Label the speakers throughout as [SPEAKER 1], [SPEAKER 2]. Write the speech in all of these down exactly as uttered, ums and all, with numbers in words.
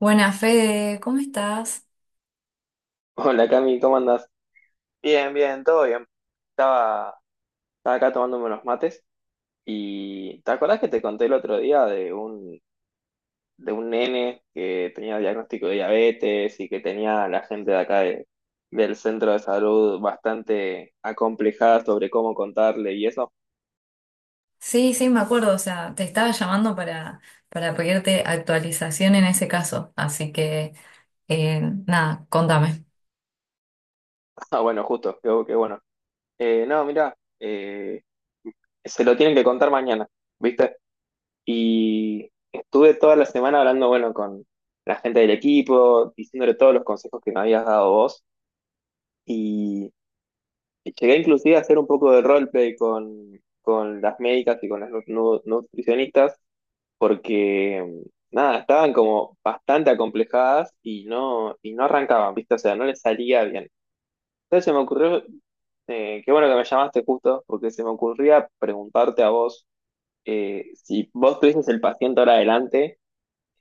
[SPEAKER 1] Buenas, Fede, ¿cómo estás?
[SPEAKER 2] Hola Cami, ¿cómo andás? Bien, bien, todo bien. Estaba, estaba acá tomándome unos mates y ¿te acordás que te conté el otro día de un, de un nene que tenía diagnóstico de diabetes y que tenía a la gente de acá de- del centro de salud bastante acomplejada sobre cómo contarle y eso?
[SPEAKER 1] Sí, sí, me acuerdo, o sea, te estaba llamando para, para pedirte actualización en ese caso, así que eh, nada, contame.
[SPEAKER 2] Ah, bueno, justo, qué, bu- qué bueno. Eh, no, mirá, eh, se lo tienen que contar mañana, ¿viste? Y estuve toda la semana hablando, bueno, con la gente del equipo, diciéndole todos los consejos que me habías dado vos. Y llegué inclusive a hacer un poco de roleplay con, con las médicas y con las nu- nu- nutricionistas, porque, mm, nada, estaban como bastante acomplejadas y no, y no arrancaban, ¿viste? O sea, no les salía bien. Entonces se me ocurrió, eh, qué bueno que me llamaste justo, porque se me ocurría preguntarte a vos, eh, si vos tuvieses el paciente ahora adelante,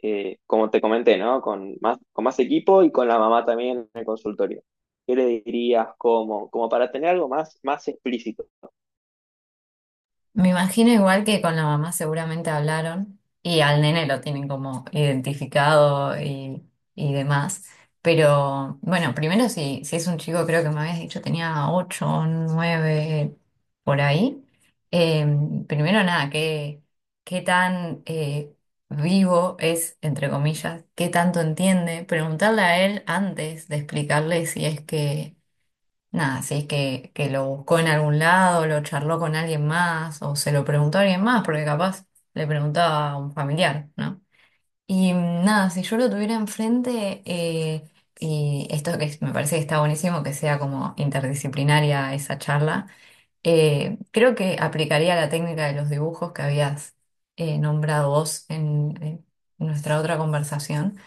[SPEAKER 2] eh, como te comenté, ¿no? Con más, con más equipo y con la mamá también en el consultorio. ¿Qué le dirías? ¿Cómo? Como para tener algo más, más explícito.
[SPEAKER 1] Me imagino igual que con la mamá seguramente hablaron y al nene lo tienen como identificado y, y demás. Pero bueno, primero si, si es un chico, creo que me habías dicho tenía ocho, nueve por ahí. Eh, Primero nada, qué, qué tan eh, vivo es, entre comillas, qué tanto entiende. Preguntarle a él antes de explicarle si es que nada, si es que, que lo buscó en algún lado, lo charló con alguien más o se lo preguntó a alguien más, porque capaz le preguntaba a un familiar, ¿no? Y mm, nada, si yo lo tuviera enfrente, eh, y esto que es- me parece que está buenísimo, que sea como interdisciplinaria esa charla, eh, creo que aplicaría la técnica de los dibujos que habías eh, nombrado vos en en nuestra otra conversación,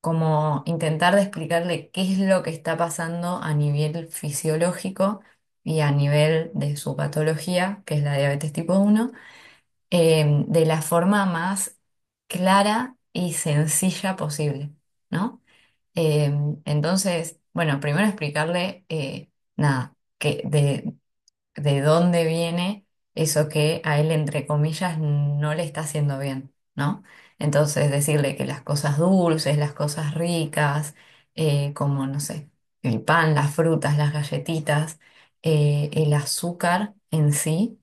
[SPEAKER 1] como intentar de explicarle qué es lo que está pasando a nivel fisiológico y a nivel de su patología, que es la diabetes tipo uno, eh, de la forma más clara y sencilla posible, ¿no? Eh, entonces, bueno, primero explicarle, eh, nada, que de, de dónde viene eso que a él, entre comillas, no le está haciendo bien, ¿no? Entonces, decirle que las cosas dulces, las cosas ricas, eh, como, no sé, el pan, las frutas, las galletitas, eh, el azúcar en sí,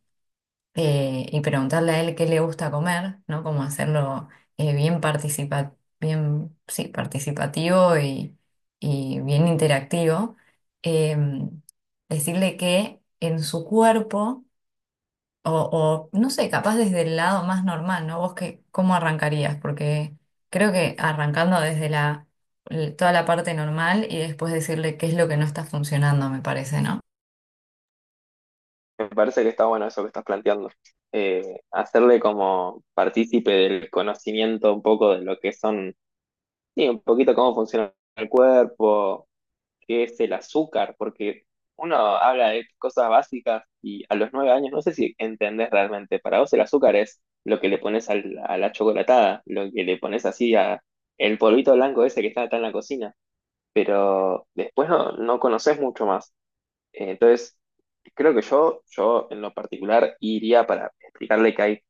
[SPEAKER 1] eh, y preguntarle a él qué le gusta comer, ¿no? Como hacerlo eh, bien participa- bien, sí, participativo y, y bien interactivo. Em, Decirle que en su cuerpo, o, o, no sé, capaz desde el lado más normal, ¿no? ¿Vos qué, cómo arrancarías? Porque creo que arrancando desde la, l- toda la parte normal y después decirle qué es lo que no está funcionando, me parece, ¿no?
[SPEAKER 2] Me parece que está bueno eso que estás planteando. Eh, hacerle como partícipe del conocimiento un poco de lo que son, sí, un poquito cómo funciona el cuerpo, que es el azúcar, porque uno habla de cosas básicas y a los nueve años no sé si entendés realmente. Para vos el azúcar es lo que le pones al- a la chocolatada, lo que le pones así a el polvito blanco ese que está acá en la cocina, pero después no, no conoces mucho más. Eh, Entonces, creo que yo, yo en lo particular iría para explicarle que hay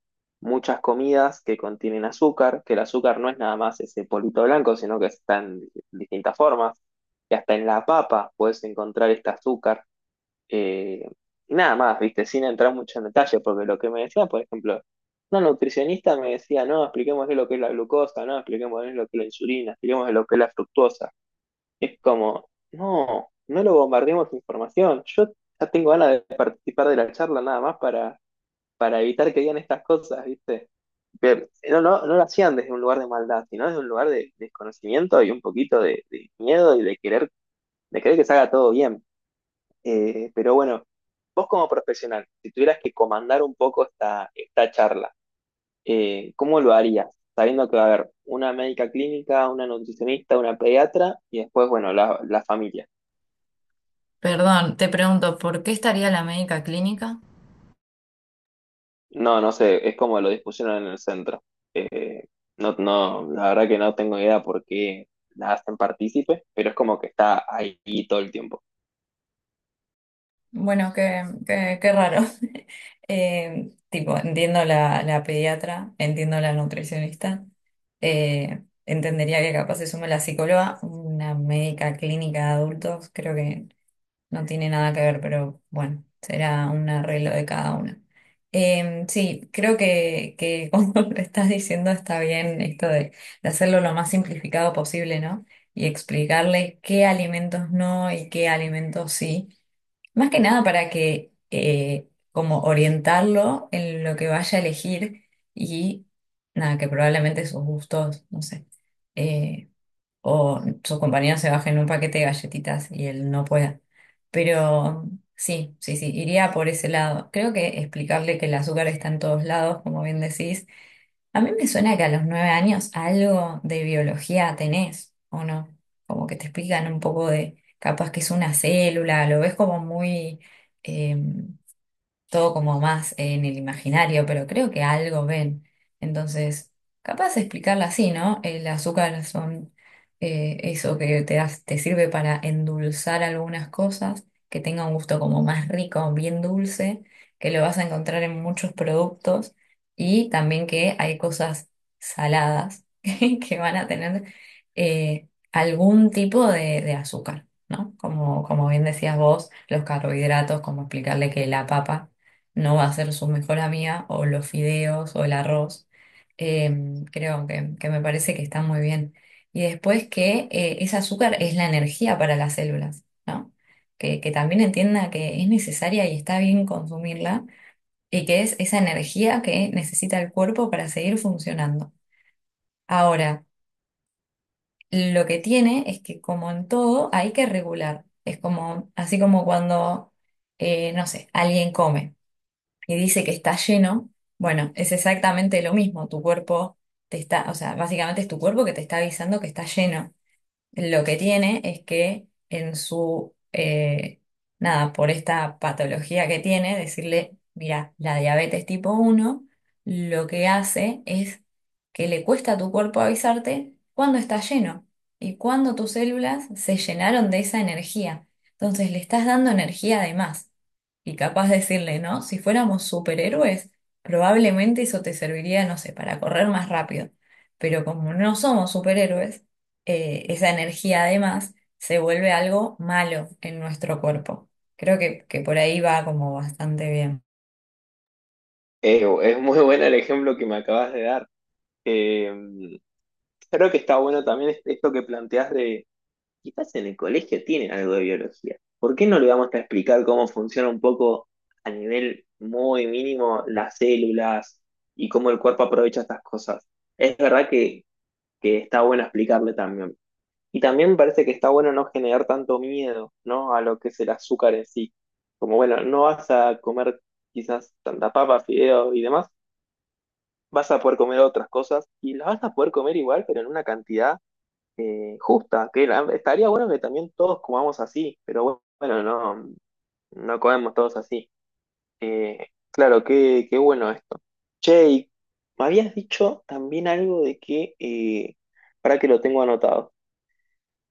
[SPEAKER 2] muchas comidas que contienen azúcar, que el azúcar no es nada más ese polvito blanco, sino que está en distintas formas, que hasta en la papa puedes encontrar este azúcar. Eh, y nada más, viste, sin entrar mucho en detalle, porque lo que me decía, por ejemplo, una nutricionista me decía, no, expliquemos lo que es la glucosa, no, expliquemos lo que es la insulina, expliquemos lo que es la fructosa. Es como, no, no lo bombardeemos de información. Yo ya tengo ganas de participar de la charla nada más para, para evitar que digan estas cosas, ¿viste? Pero no, no, no lo hacían desde un lugar de maldad, sino desde un lugar de desconocimiento y un poquito de, de miedo y de querer, de querer que se haga todo bien. Eh, pero bueno, vos como profesional, si tuvieras que comandar un poco esta, esta charla, eh, ¿cómo lo harías? Sabiendo que va a haber una médica clínica, una nutricionista, una pediatra y después, bueno, la, la familia.
[SPEAKER 1] Perdón, te pregunto, ¿por qué estaría la médica clínica?
[SPEAKER 2] No, no sé, es como lo dispusieron en el centro. Eh, no, no, la verdad que no tengo idea por qué la hacen partícipe, pero es como que está ahí todo el tiempo.
[SPEAKER 1] Bueno, qué, qué- qué raro. Eh, tipo, entiendo la, la pediatra, entiendo la nutricionista, eh, entendería que capaz se sume la psicóloga, una médica clínica de adultos, creo que no tiene nada que ver, pero bueno, será un arreglo de cada una. Eh, sí, creo que, que como lo estás diciendo está bien esto de, de hacerlo lo más simplificado posible, ¿no? Y explicarle qué alimentos no y qué alimentos sí. Más que nada para que eh, como orientarlo en lo que vaya a elegir y nada, que probablemente sus gustos, no sé, eh, o sus compañeros se bajen un paquete de galletitas y él no pueda. Pero sí, sí, sí, iría por ese lado. Creo que explicarle que el azúcar está en todos lados, como bien decís, a mí me suena que a los nueve años algo de biología tenés, ¿o no? Como que te explican un poco de, capaz que es una célula, lo ves como muy em, todo como más en el imaginario, pero creo que algo ven. Entonces, capaz de explicarla así, ¿no? El azúcar son eh, eso que te das- te sirve para endulzar algunas cosas, que tenga un gusto como más rico, bien dulce, que lo vas a encontrar en muchos productos y también que hay cosas saladas que van a tener eh, algún tipo de, de azúcar, ¿no? Como, como bien decías vos, los carbohidratos, como explicarle que la papa no va a ser su mejor amiga, o los fideos, o el arroz. Em, creo que, que me parece que está muy bien. Y después que eh, ese azúcar es la energía para las células, ¿no? Que, que también entienda que es necesaria y está bien consumirla, y que es esa energía que necesita el cuerpo para seguir funcionando. Ahora, lo que tiene es que como en todo hay que regular. Es como, así como cuando, eh, no sé, alguien come y dice que está lleno, bueno, es exactamente lo mismo, tu cuerpo te está, o sea, básicamente es tu cuerpo que te está avisando que está lleno. Lo que tiene es que en su, eh, nada, por esta patología que tiene, decirle, mira, la diabetes tipo uno lo que hace es que le cuesta a tu cuerpo avisarte cuando está lleno y cuando tus células se llenaron de esa energía. Entonces le estás dando energía de más. Y capaz decirle, ¿no? Si fuéramos superhéroes, probablemente eso te serviría, no sé, para correr más rápido. Pero como no somos superhéroes, eh, esa energía además se vuelve algo malo en nuestro cuerpo. Creo que, que por ahí va como bastante bien.
[SPEAKER 2] Eh, es muy bueno el ejemplo que me acabas de dar. Eh, Creo que está bueno también es- esto que planteas de, quizás en el colegio tienen algo de biología. ¿Por qué no le vamos a explicar cómo funciona un poco a nivel muy mínimo las células y cómo el cuerpo aprovecha estas cosas? Es verdad que, que está bueno explicarle también. Y también me parece que está bueno no generar tanto miedo, ¿no? A lo que es el azúcar en sí. Como bueno, no vas a comer quizás tanta papa, fideo y demás, vas a poder comer otras cosas y las vas a poder comer igual, pero en una cantidad eh, justa. Que la- estaría bueno que también todos comamos así, pero bueno, no, no comemos todos así. Eh, claro, qué, qué bueno esto. Che, y me habías dicho también algo de que, eh, para que lo tengo anotado.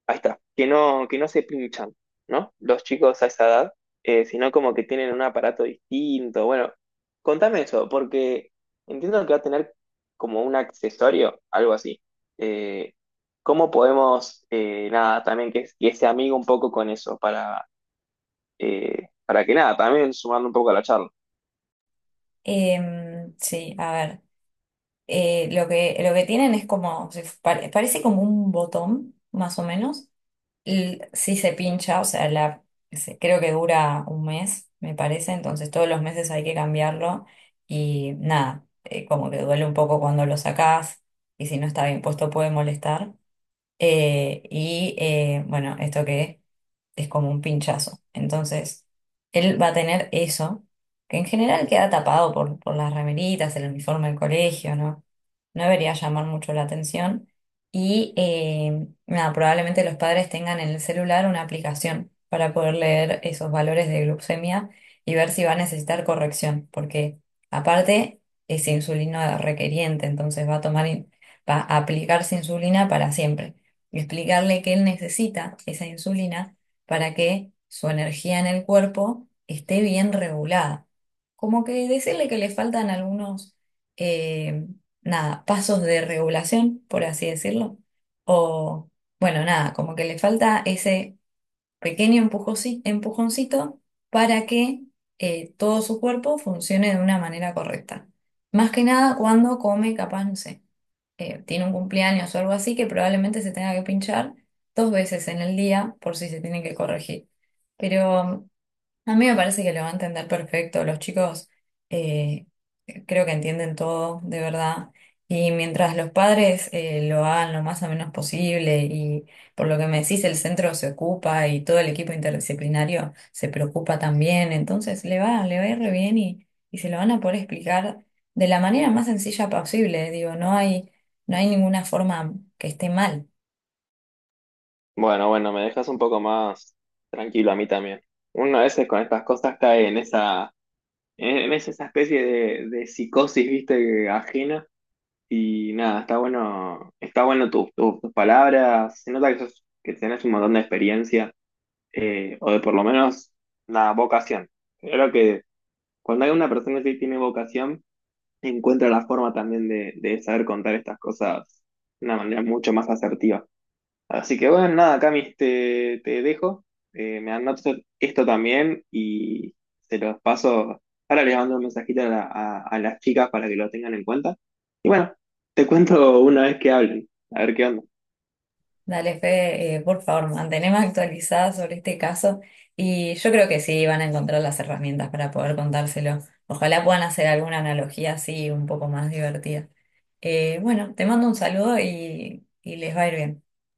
[SPEAKER 2] Ahí está, que no, que no se pinchan, ¿no? Los chicos a esa edad, eh, sino como que tienen un aparato distinto. Bueno, contame eso, porque entiendo que va a tener como un accesorio, algo así. Eh, ¿Cómo podemos, eh, nada, también que, que se amigue un poco con eso para, eh, para que nada, también sumarle un poco a la charla?
[SPEAKER 1] Em, sí, a ver, eh, lo que, lo que tienen es como, se- pare- parece como un botón, más o menos. Y si se pincha, o sea, la, se- creo que dura un mes, me parece, entonces todos los meses hay que cambiarlo y nada, eh, como que duele un poco cuando lo sacás y si no está bien puesto puede molestar. Eh, y eh, bueno, esto que es como un pinchazo. Entonces, él va a tener eso, que en general queda tapado por, por las remeritas, el uniforme del colegio, ¿no? No debería llamar mucho la atención. Y eh, nada, probablemente los padres tengan en el celular una aplicación para poder leer esos valores de glucemia y ver si va a necesitar corrección, porque aparte es insulino requeriente, entonces va a tomar, in- va a aplicarse insulina para siempre y explicarle que él necesita esa insulina para que su energía en el cuerpo esté bien regulada. Como que decirle que le faltan algunos, eh, nada, pasos de regulación, por así decirlo. O, bueno, nada, como que le falta ese pequeño empujosi- empujoncito para que eh, todo su cuerpo funcione de una manera correcta. Más que nada cuando come, capaz, no sé, eh, tiene un cumpleaños o algo así, que probablemente se tenga que pinchar dos veces en el día por si se tiene que corregir. Pero a mí me parece que lo va a entender perfecto. Los chicos eh, creo que entienden todo, de verdad. Y mientras los padres eh, lo hagan lo más o menos posible y por lo que me decís, el centro se ocupa y todo el equipo interdisciplinario se preocupa también, entonces le va, le va a ir re bien y, y se lo van a poder explicar de la manera más sencilla posible. Digo, no hay, no hay ninguna forma que esté mal.
[SPEAKER 2] Bueno, bueno, me dejas un poco más tranquilo a mí también. Uno a veces con estas cosas cae en esa, en esa especie de, de psicosis, viste, ajena. Y nada, está bueno, está bueno tus tus- tus palabras. Se nota que, sos- que tenés un montón de experiencia, eh, o de por lo menos la vocación. Creo que cuando hay una persona que tiene vocación, encuentra la forma también de, de saber contar estas cosas de una manera mucho más asertiva. Así que bueno, nada, Camis, te, te dejo. Eh, me anoto esto también y se los paso. Ahora les mando un mensajito a, la- a- a las chicas para que lo tengan en cuenta. Y bueno, te cuento una vez que hablen, a ver qué onda.
[SPEAKER 1] Dale, Fede, eh, por favor, manteneme actualizada sobre este caso y yo creo que sí van a encontrar las herramientas para poder contárselo. Ojalá puedan hacer alguna analogía así un poco más divertida. Eh, bueno, te mando un saludo y, y les va a ir bien.